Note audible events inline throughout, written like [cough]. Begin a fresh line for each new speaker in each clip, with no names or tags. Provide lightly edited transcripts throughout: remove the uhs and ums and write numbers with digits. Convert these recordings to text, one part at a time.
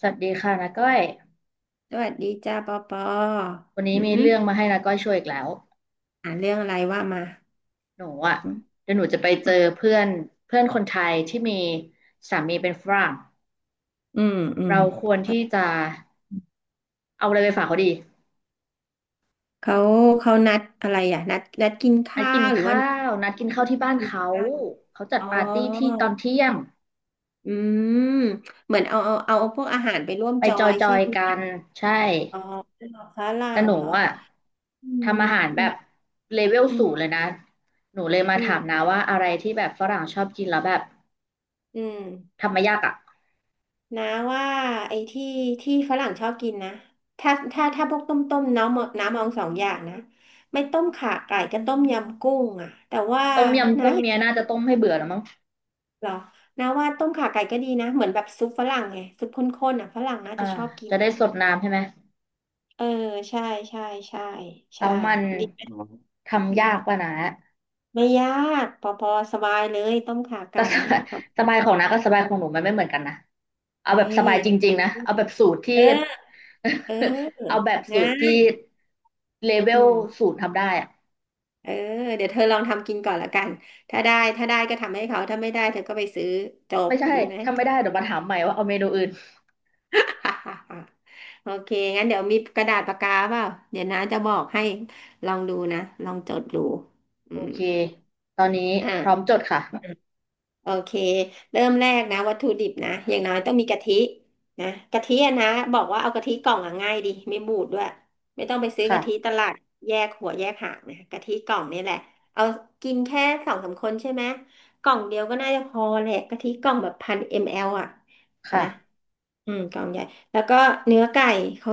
สวัสดีค่ะนาก้อย
สวัสดีจ้าปอปอ
วันนี้
อื
มี
ม
เรื่องมาให้นาก้อยช่วยอีกแล้ว
อ่านเรื่องอะไรว่ามา
หนูอ่ะ
อืม
เดี๋ยวหนูจะไปเจอเพื่อนเพื่อนคนไทยที่มีสามีเป็นฝรั่ง
อืมอืม
เราควรที่
ค่ะ
จะเอาอะไรไปฝากเขาดี
เขา เขานัดอะไรอ่ะ นัดกิน
นัด
ข้า
กิน
วหรือว่า
ข้า
นัด
วนัดกินข้าวที่บ้าน
กิน
เขา
ข้าว
เขาจัด
อ๋
ปาร์ตี้ที่
อ
ตอนเที่ยง
อืมเหมือนเอาพวกอาหารไปร่วม
ไป
จอ
จ
ยใช่
อย
ไหม
ๆกันใช่
อ๋อฝรั่
แต่
ง
หนู
เหรอ
อ่ะ
อืม
ทำอาหาร
อื
แบ
ม
บเลเวล
อื
สู
ม
งเลยนะหนูเลยมา
อื
ถามนา
ม
ว่าอะไรที่แบบฝรั่งชอบกินแล้วแบบ
อืม
ทำไม่ยากอ่ะ
นะว่าไอ้ที่ฝรั่งชอบกินนะถ้าพวกต้มน้ำมองสองอย่างนะไม่ต้มข่าไก่ก็ต้มยำกุ้งอ่ะแต่ว่า
ต้มยำ
น้า
กุ้ง
เห็
เมี
น
ยน่าจะต้มให้เบื่อแล้วมั้ง
เหรอน้าว่าต้มข่าไก่ก็ดีนะเหมือนแบบซุปฝรั่งไงซุปข้นๆอ่ะฝรั่งน่า
อ่า
จะชอบกิ
จะ
น
ได้สดน้ำใช่ไหม
เออใช่ใช่ใช่
แล้
ใช่
วมัน
ดีไหมอื
ทำ
ม
ยากป่ะนะ
ไม่ยากพอพอสบายเลยต้มข่า
แต่
ไก่
ส
เนี่
บา
ย
ย
ครับ
สบายของน้ากับสบายของหนูมันไม่เหมือนกันนะเอา
นี
แบบสบายจริ
่
งๆนะเอาแบบสูตรที่
เออเ
[laughs] เอา
ออ
แบบสู
ง่า
ตรที่
ย
เลเว
อื
ล
ม
สูตรทำได้อะ
เออเดี๋ยวเธอลองทำกินก่อนละกันถ้าได้ก็ทำให้เขาถ้าไม่ได้เธอก็ไปซื้อจบ
ไม่ใช่
ดีไหม
ทำไม่ได้เดี๋ยวมาถามใหม่ว่าเอาเมนูอื่น
[laughs] โอเคงั้นเดี๋ยวมีกระดาษปากกาเปล่าเดี๋ยวน้าจะบอกให้ลองดูนะลองจดดูอื
โอ
ม
เคตอนนี้พร้อม
อ่า
จดค่ะ
โอเค เริ่มแรกนะวัตถุดิบนะอย่างน้อยต้องมีกะทิ นะกะทิอะนะบอกว่าเอากะทิกล่องอะง่ายดีไม่บูดด้วยไม่ต้องไปซื้อกะทิต
ค่ะ
ลาดแยกหัวแยกหางนะกะทิกล่องนี่แหละเอากินแค่สองสามคนใช่ไหมกล่องเดียวก็น่าจะพอแหละกะทิกล่องแบบพันมลอ่ะนะ
ค่ะ
อืมกล่องใหญ่แล้วก็เนื้อไก่เขา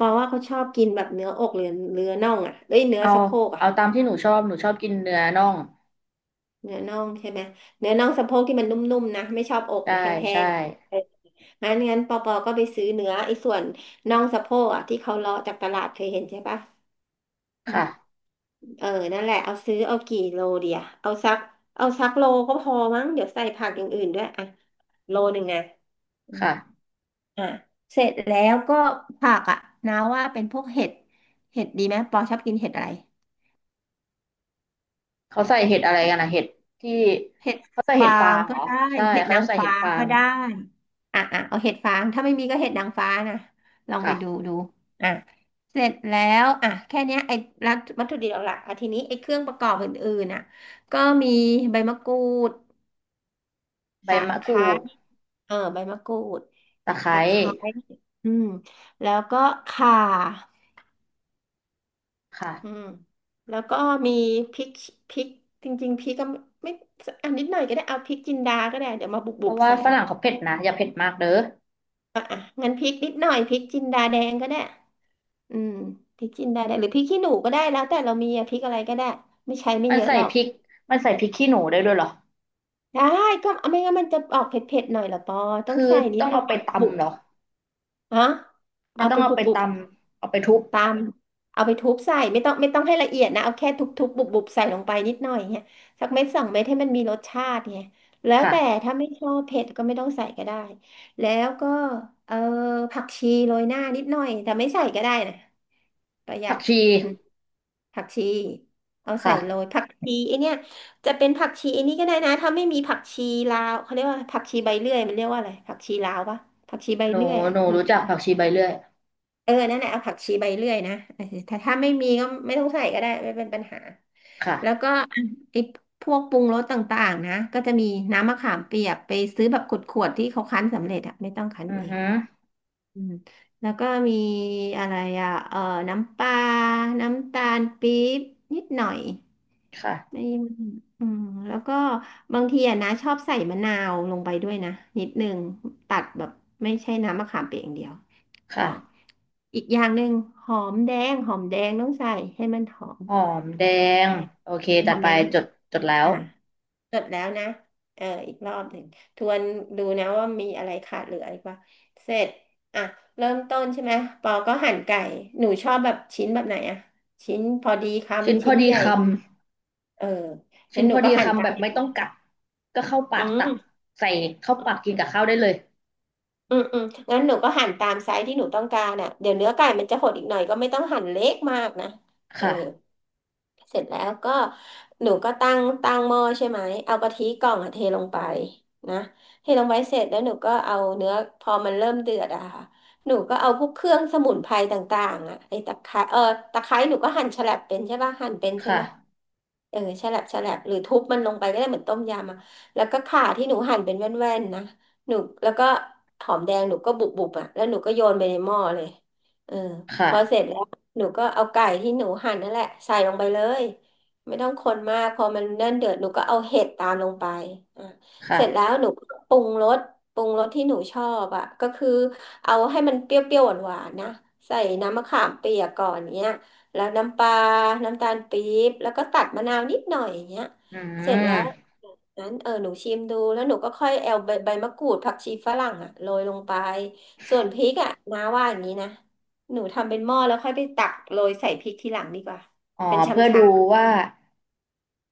บอกว่าเขาชอบกินแบบเนื้ออกหรือเนื้อน่องอ่ะเอ้ยเนื้อ
เอา
สะโพกอ่ะ
เอาตามที่หนูชอบหนูชอบกินเนื้อน่อง
เนื้อน่องใช่ไหมเนื้อน่องสะโพกที่มันนุ่มๆนะไม่ชอบอก
ได้
นะแห้
ใช่
งๆเอองั้นงั้นปอปอก็ไปซื้อเนื้อไอ้ส่วนน่องสะโพกอ่ะที่เขาเลาะจากตลาดเคยเห็นใช่ปะอืม
ค่ะ
เออนั่นแหละเอาซื้อเอากี่โลเดียเอาสักเอาสักโลก็พอมั้งเดี๋ยวใส่ผักอย่างอื่นด้วยอ่ะโลหนึ่งนะอืม
ค่ะ
อ่ะเสร็จแล้วก็ผักอ่ะนาว่าเป็นพวกเห็ดเห็ดดีไหมปอชอบกินเห็ดอะไร
เขาใส่เห็ดอะไรกันนะเห็ดที่
เห็ด
เขาใส่เห็
ฟา
ดฟา
ง
งเห
ก็
รอ
ได้
ใช่
เห็ด
เขา
นา
จะ
ง
ใส่เห็
ฟ้า
ดฟา
ก็
ง
ได้อ่ะอ่ะเอาเห็ดฟางถ้าไม่มีก็เห็ดนางฟ้านะลองไปดู
ค่ะ
ดูอ่ะเสร็จแล้วอ่ะแค่เนี้ยไอ้วัตถุดิบหลักๆอ่ะทีนี้ไอ้เครื่องประกอบอื่นๆน่ะ ก็มีใบมะกรูด
ใบ
ตะ
มะ
ไค
กรู
ร้
ด
เออใบมะกรูด
ตะไคร้
ตะไคร้อืมแล้วก็ข่าอื
ค่ะ
มแล้วก็มีพริกพริกจริงๆพริกก็ไม่อันนิดหน่อยก็ได้เอาพริกจินดาก็ได้เดี๋ยวมา
เพ
บุบ
ราะ
ๆ
ว่า
ใส่
ฝรั่งเขาเผ็ดนะอย่าเผ็ดมากเด้อ
อ่ะอ่ะงั้นพริกนิดหน่อยพริกจินดาแดงก็ได้อืมพริกจินดาแดงหรือพริกขี้หนูก็ได้แล้วแต่เรามีอะพริกอะไรก็ได้ไม่ใช้ไม่
มัน
เยอะ
ใส่
หรอก
พริกมันใส่พริกขี้หนูได้ด้วยเหรอ
ได้ก็เอาไม่งั้นมันจะออกเผ็ดๆหน่อยเหรอปอต้อง
คือ
ใส่นิ
ต้
ด
อง
นึ
เอา
ง
ไป
อ่ะบุ
ตำ
บ
เหรอ
ฮะ
มัน
เอา
ต้
ไป
องเอาไป
บุ
ต
บๆ
ำเอาไปทุบ
ตามเอาไปทุบใส่ไม่ต้องให้ละเอียดนะเอาแค่ทุบๆบุบๆใส่ลงไปนิดหน่อยเนี่ยสักเม็ดสองเม็ดให้มันมีรสชาติเนี่ยแล้วแต่
ค่ะ
ถ้าไม่ชอบเผ็ดก็ไม่ต้องใส่ก็ได้แล้วก็เออผักชีโรยหน้านิดหน่อยแต่ไม่ใส่ก็ได้นะประหยั
ผัก
ด
ชี
อืมผักชีเอาใส่
ค่ะ
โรยผักชีไอเนี่ยจะเป็นผักชีไอนี่ก็ได้นะถ้าไม่มีผักชีลาวเขาเรียกว่าผักชีใบเลื่อยมันเรียกว่าอะไรผักชีลาวปะผักชีใบ
หนู
เลื่อยอ่ะ
หนูรู้จักผักชีใบเลื่อย
เออ นั่นแหละ เอาผักชีใบเลื่อยนะเออถ้าไม่มีก็ไม่ต้องใส่ก็ได้ไม่เป็นปัญหา แล้ว
ค่ะ
ก็ไอ้พวกปรุงรสต่างๆนะ ก็จะมีน้ำมะขามเปียกไปซื้อแบบขวดๆที่เขาคั้นสำเร็จอะไม่ต้องคั้น
อือ
เอง
ฮึ
อืมแล้วก็มีอะไรอะเออน้ำปลาน้ำตาลปี๊บนิดหน่อย
ค่ะ
ไม่อืมแล้วก็บางทีอะนะชอบใส่มะนาวลงไปด้วยนะนิดนึงตัดแบบไม่ใช่น้ำมะขามเปียกอย่างเดียว อ๋อ
ค่ะ
อีกอย่างหนึ่งหอมแดงหอมแดงต้องใส่ให้มันหอม
หอมแดง
แ
โอเค
ดง
จั
ห
ด
อม
ไป
แดง
จดจดแล้ว
อ่ะจดแล้วนะเอออีกรอบหนึ่งทวนดูนะว่ามีอะไรขาดเหลืออีกว่าเสร็จอ่ะเริ่มต้นใช่ไหมปอก็หั่นไก่หนูชอบแบบชิ้นแบบไหนอะชิ้นพอดี
ชิ้น
คำ
พอ
ชิ้น
ดี
ใหญ่
คำ
เออ
ชิ้
งั้น
น
ห
พ
นู
อ
ก็
ดี
หั่น
คำ
ตา
แบบไม่ต้
ม
องกัดก็เข้าปา
อื
กตัก
ม
ใส่เข้าปากกินกับข้าวได้เลย
อืมอืมงั้นหนูก็หั่นตามไซส์ที่หนูต้องการอ่ะเดี๋ยวเนื้อไก่มันจะหดอีกหน่อยก็ไม่ต้องหั่นเล็กมากนะเออ
ค่ะ
เสร็จแล้วก็หนูก็ตั้งหม้อใช่ไหมเอากะทิกล่องอะเทลงไปนะเทลงไปเสร็จแล้วหนูก็เอาเนื้อพอมันเริ่มเดือดอะค่ะหนูก็เอาพวกเครื่องสมุนไพรต่างๆอะไอ้ตะไคร้เออตะไคร้หนูก็หั่นฉลับเป็นใช่ป่ะหั่นเป็นใช่ไหม
ค่ะ
เออแฉลบแฉลบหรือทุบมันลงไปก็ได้เหมือนต้มยำอะแล้วก็ข่าที่หนูหั่นเป็นแว่นๆนะหนูแล้วก็หอมแดงหนูก็บุบๆอ่ะแล้วหนูก็โยนไปในหม้อเลยเออพ
ค่ะ
อเสร็จแล้วหนูก็เอาไก่ที่หนูหั่นนั่นแหละใส่ลงไปเลยไม่ต้องคนมากพอมันเนิ่นเดือดหนูก็เอาเห็ดตามลงไปอ่ะเสร็จแล้ว
ค่ะ
หนูก็ปรุงรสปรุงรสที่หนูชอบอ่ะก็คือเอาให้มันเปรี้ยวๆหวานๆนะใส่น้ำมะขามเปียกก่อนเนี้ย แล้วน้ำปลาน้ำตาลปี๊บ แล้วก็ตัดมะนาวนิดหน่อยอย่างเงี้ย
อื
เสร็จแล้ว
ม
นั้นเออหนูชิมดู แล้วหนูก็ค่อยเอาใบใบมะกรูดผักชีฝรั่งอะโรยลงไป ส่วนพริกอะน้าว่าอย่างนี้นะ หนูทำเป็นหม้อแล้วค่อยไปตักโรยใส่พริกทีหลังดีกว่า
อ๋อ
เป็น
เพื่อ
ชำ
ดู
ชา
ว่า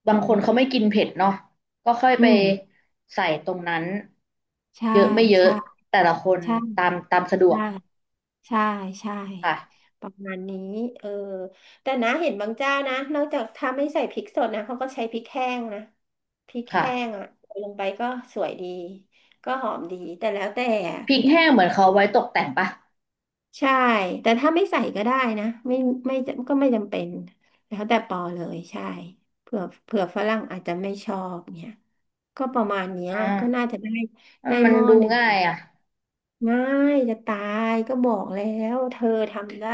บาง
อื
ค
ม
นเขาไม่กินเผ็ดเนาะก็ค่อย
อื
ไป
ม
ใส่ตรงนั้น
ใช่
เยอะไม่เยอะ
ใช่
แต่ละคน
ใช่
ตามตามสะดว
ใช่
ก
ใช่ใช่
ค่ะ
ประมาณนี้เออแต่นะเห็นบางเจ้านะนอกจากถ้าไม่ใส่พริกสดนะเขาก็ใช้พริกแห้งนะพริก
ค่ะ
แห้งอ่ะใส่ลงไปก็สวยดีก็หอมดีแต่แล้วแต่อะ
พ
พ
ริ
ริ
ก
ก
แห้งเหมือนเขาไว้ตกแต่งปะ
ใช่แต่ถ้าไม่ใส่ก็ได้นะไม่จำเป็นแล้วแต่ปอเลยใช่เผื่อฝรั่งอาจจะไม่ชอบเนี่ยก็ประมาณเนี้ย
อ่า
ก็น่าจะได้ได้
มั
ห
น
ม้อ
ดู
หนึ่ง
ง่ายอ่ะ
ง่ายจะตายก็บอกแล้วเธอทำได้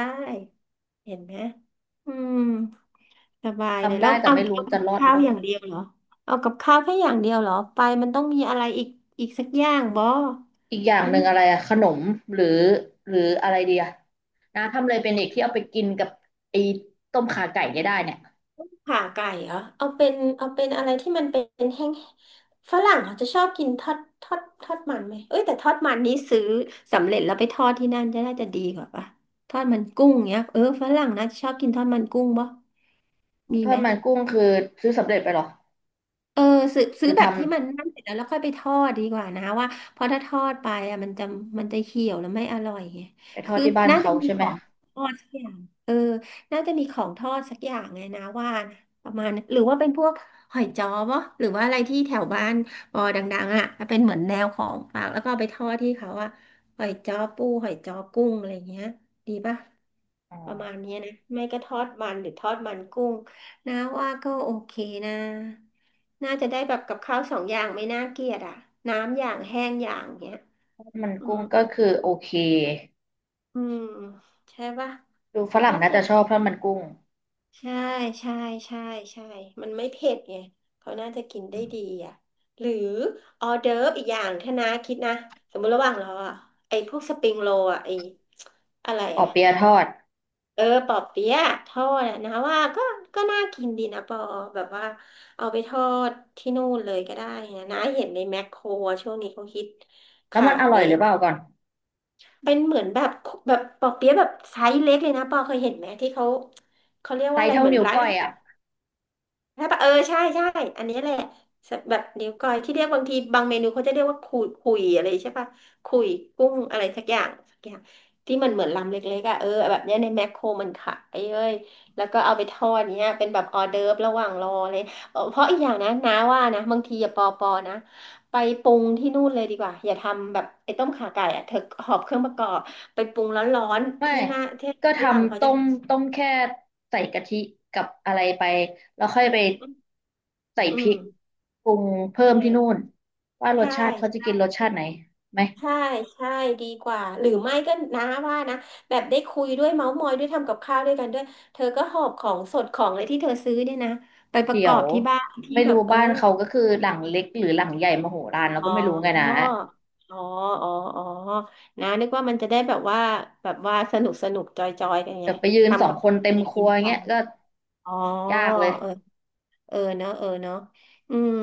เห็นไหมอืมสบายเลย
ทำ
แล้
ได้
ว
แต่
เอา
ไม่รู้
เอา
จะ
กั
ร
บ
อดหรื
ข้า
อ
ว
เปล่า
อย่างเดียวเหรอเอากับข้าวแค่อย่างเดียวเหรอไปมันต้องมีอะไรอีกอีกสักอย่างบ่
อีกอย่าง
อื
หนึ่
ม
งอะไรอะขนมหรือหรืออะไรดีอะนะทำอะไรเป็นอีกที่เอาไปกินกับไอ้ต้มข่าไก่เนี่ยได้เนี่ย
ขาไก่เหรอเอาเป็นเอาเป็นอะไรที่มันเป็นแห้งฝรั่งเขาจะชอบกินทอดมันไหมเอ้ยแต่ทอดมันนี้ซื้อสำเร็จแล้วไปทอดที่นั่นจะน่าจะดีกว่าปะทอดมันกุ้งเนี้ยเออฝรั่งน่าจะชอบกินทอดมันกุ้งบ่มี
ทอ
ไหม
ดมันกุ้งคือซื้อสำเร็จไปเหรอ
เออซื้อ
ห
ซื้
รื
อ
อท
แบบที่มันนั่นเสร็จแล้วแล้วค่อยไปทอดดีกว่านะว่าเพราะถ้าทอดไปอ่ะมันจะเหี่ยวแล้วไม่อร่อยไง
ำไปทอด
คือ
ที่บ้าน
น่าจะ
เขา
มี
ใช่
ข
ไหม
องทอดสักอย่างเออน่าจะมีของทอดสักอย่างไงนะว่านะประมาณนั้นหรือว่าเป็นพวกหอยจ้อปะหรือว่าอะไรที่แถวบ้านปอดังๆอ่ะเป็นเหมือนแนวของฝากแล้วก็เอาไปทอดที่เขาอ่ะหอยจ้อปูหอยจ้อกุ้งอะไรอย่างเงี้ยดีปะ
อ๋อ
ประมาณเนี้ยนะไม่ก็ทอดมันหรือทอดมันกุ้งนะว่าก็โอเคนะน่าจะได้แบบกับข้าวสองอย่างไม่น่าเกลียดอ่ะน้ำอย่างแห้งอย่างเงี้ย
ทอดมัน
อื
กุ้
ม
งก็คือโอเค
อืมใช่ปะ
ดูฝรั่ง
ถ้า
น่า
อ
จะ
ย่าง
ชอบทอดมันกุ้ง
ใช่ใช่ใช่ใช่มันไม่เผ็ดไงเขาน่าจะกินได้ดีอ่ะหรือออเดิร์ฟอีกอย่างถ้านะคิดนะสมมติระหว่างเราอ่ะไอ้พวกสปริงโรลอ่ะไอ้อะไร
ปอ
อ่ะ
เปี๊ยะทอด
เออปอเปี๊ยะทอดอะนะว่าก็ก็น่ากินดีนะปอแบบว่าเอาไปทอดที่นู่นเลยก็ได้นะนะเห็นในแมคโครอะช่วงนี้เขาฮิต
แล้ว
ขา
มันอร่อ
ย
ยหรือเปล่าก่อน
เป็นเหมือนแบบแบบปอเปี๊ยะแบบไซส์เล็กเลยนะปอเคยเห็นไหมที่เขาเขาเรียก
ไซ
ว่าอะ
ส์
ไร
เท่า
เหมือน
นิ้ว
ร้าน
ก้อ
อา
ย
หา
อะ
ร ใช่ปะเออใช่ใช่อันนี้แหละแบบนิ้วก้อยที่เรียกบางทีบางเมนูเขาจะเรียกว่าคุยคุยอะไรใช่ปะคุยกุ้งอะไรสักอย่างสักอย่างที่มันเหมือนลำเล็กๆอ่ะเออแบบเนี้ยในแมคโครมันขายเอ้ยแล้วก็เอาไปทอดเนี้ยเป็นแบบออเดิร์ฟระหว่างรอเลย [laughs] เออเพราะอีกอย่างนะน้าว่านะบางทีอย่าปอนะไปปรุงที่นู่นเลยดีกว่าอย่าทำแบบไอ้ต้มข่าไก่อ่ะเธอหอบเครื่องประกอบไปปรุงร้อนๆ
ไม่
ที่หน้าที่
ก็ท
ฝรั่งเขา
ำต้
จะ
มต้มแค่ใส่กะทิกับอะไรไปแล้วค่อยไปใส่
อื
พริ
ม
กปรุงเพิ่ม
เอ
ที่
อ
นู่นว่ารส
ใช่
ชาติเขาจะกินรสชาติไหนไหม
ใช่ใช่ ดีกว่า หรือไม่ก็น้าว่านะ แบบได้คุยด้วยเมาท์มอยด้วยทำกับข้าวด้วยกันด้วยเธอก็หอบของสดของอะไรที่เธอซื้อเนี่ยนะไปประ
เดี๋
ก
ย
อบ
ว
ที่บ้านที่
ไม่
แบ
รู้
บเออ
บ้านเขาก็คือหลังเล็กหรือหลังใหญ่มโหฬารเรา
อ๋อ
ก็ไม่รู้ไงนะ
อ๋ออ๋ออ๋อนะนึกว่ามันจะได้แบบว่าแบบว่าสนุกสนุกจอยจอยกันไง
เดี๋ยวไปยืนสอ
ทำ
ง
กับ
คน
ข้าว
เต็ม
ไป
ค
กิ
รั
น
ว
ไป
เงี้ยก็
อ๋อ
ยากเลย
เออ เออเนาะเออเนาะอืม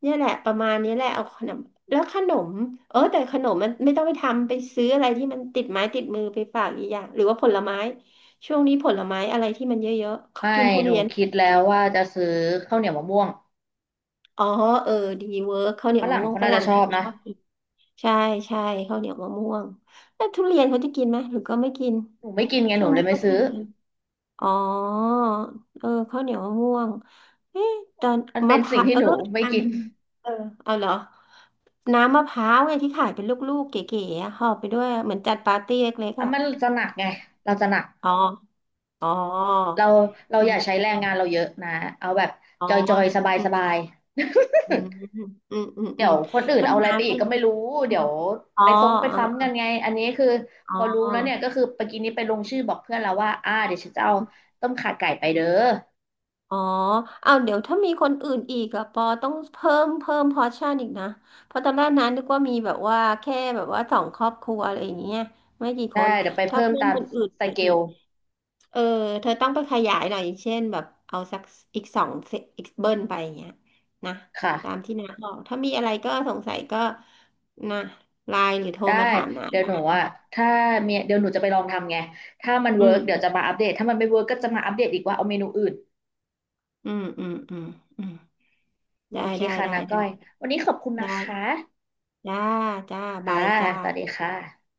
เนี่ยแหละประมาณนี้แหละเอาขนมแล้วขนมเออแต่ขนมมันไม่ต้องไปทำไปซื้ออะไรที่มันติดไม้ติดมือไปฝากอีกอย่างหรือว่าผลไม้ช่วงนี้ผลไม้อะไรที่มันเยอะๆเขา
ไม่
กินทุ
หนู
เรียน
คิดแล้วว่าจะซื้อข้าวเหนียวมะม่วง
อ๋อเออดีเวิร์กข้าวเหนี
ฝ
ยวมะ
รั่ง
ม่วง
เขา
ฝ
น่าจะ
รั่ง
ชอ
นะ
บ
จะ
นะ
ชอบกินใช่ใช่ข้าวเหนียวมะม่วงแล้วทุเรียนเขาจะกินไหมหรือก็ไม่กิน
หนูไม่กินไง
ช่
ห
ว
นู
ง
เล
นี้
ย
ก็
ไม่
ทุ
ซื้อ
เรียน อ๋อเออข้าวเหนียวมะม่วงเอ๊ะตอน
มันเป็
มะ
น
พ
สิ่ง
ร้าว
ที่
เออ
หนูไม่
อัน
กิน
เออเอาเหรอน้ำมะพร้าวไงที่ขายเป็นลูกๆเก๋ๆอะห่อไปด้วยเหมือนจัดปาร์ตี้เล็กๆ
อ่ะ
อ่ะ
มันจะหนักไงเราจะหนัก
อ๋ออ๋อ
เราเรา
อื
อย่า
ม
ใช้แรงงานเราเยอะนะเอาแบบ
อ๋
จอยจอยส
อ
บายสบาย
อืมอืมอืมอืม
ๆเดี๋
อื
ย
ม
วคนอื่น
ก็
เอาอะไร
น้า
ไปอี
ก็
ก
เล
ก็
ย
ไม่รู้
อื
เดี๋ย
ม
ว
อ๋อ
ไปซ้งไปซ้ำกันไงอันนี้คือ
อ๋
พ
อ
อรู้
อ๋อ
แล้วเนี่ยก็คือเมื่อกี้นี้ไปลงชื่อบอกเพื่อนแล้วว่าอ่าเดี๋ยวฉันจะเอาต้มข่าไก่ไปเด้อ
อ๋อ เอาวเดี๋ยวถ้ามีคนอื่นอีกอะปอต้องเพิ่มพอร์ชั่นอีกนะเพราะตอนแรกนั้นนึกว่ามีแบบว่าแค่แบบว่าสองครอบครัวอะไรอย่างเงี้ยไม่กี่ค
ได้
น
เดี๋ยวไป
ถ้า
เพิ่ม
เพิ่ม
ตาม
คนอื่น
ส
ไป
เก
อี
ล
กเออเธอต้องไปขยายหน่อยอย่างเช่นแบบเอาสักอีกสองเซอีกเบิ้ลไปอย่างเงี้ยนะ
ค
ตาม
่ะ
ที่น้าบอกถ้ามีอะไรก็สงสัยก็นะไลน์หรือโทร
ได้
มาถามน้า
เดี๋ยวหนูอ่ะถ้าเมียเดี๋ยวหนูจะไปลองทำไงถ้ามัน
อื
เวิ
ม
ร์ก
อ
เดี๋ยวจะมาอัปเดตถ้ามันไม่เวิร์กก็จะมาอัปเดตอีกว่าเอาเมนูอื่น
ืมอืมอืมอืม
โอ
ได้
เค
ได้
ค่ะ
ได้
นาก้อ
ได้
ยวันนี้ขอบคุณนะคะ
ได้จ้าจ้า
ค่ะ
บายจ้า
สวัสดีค่ะ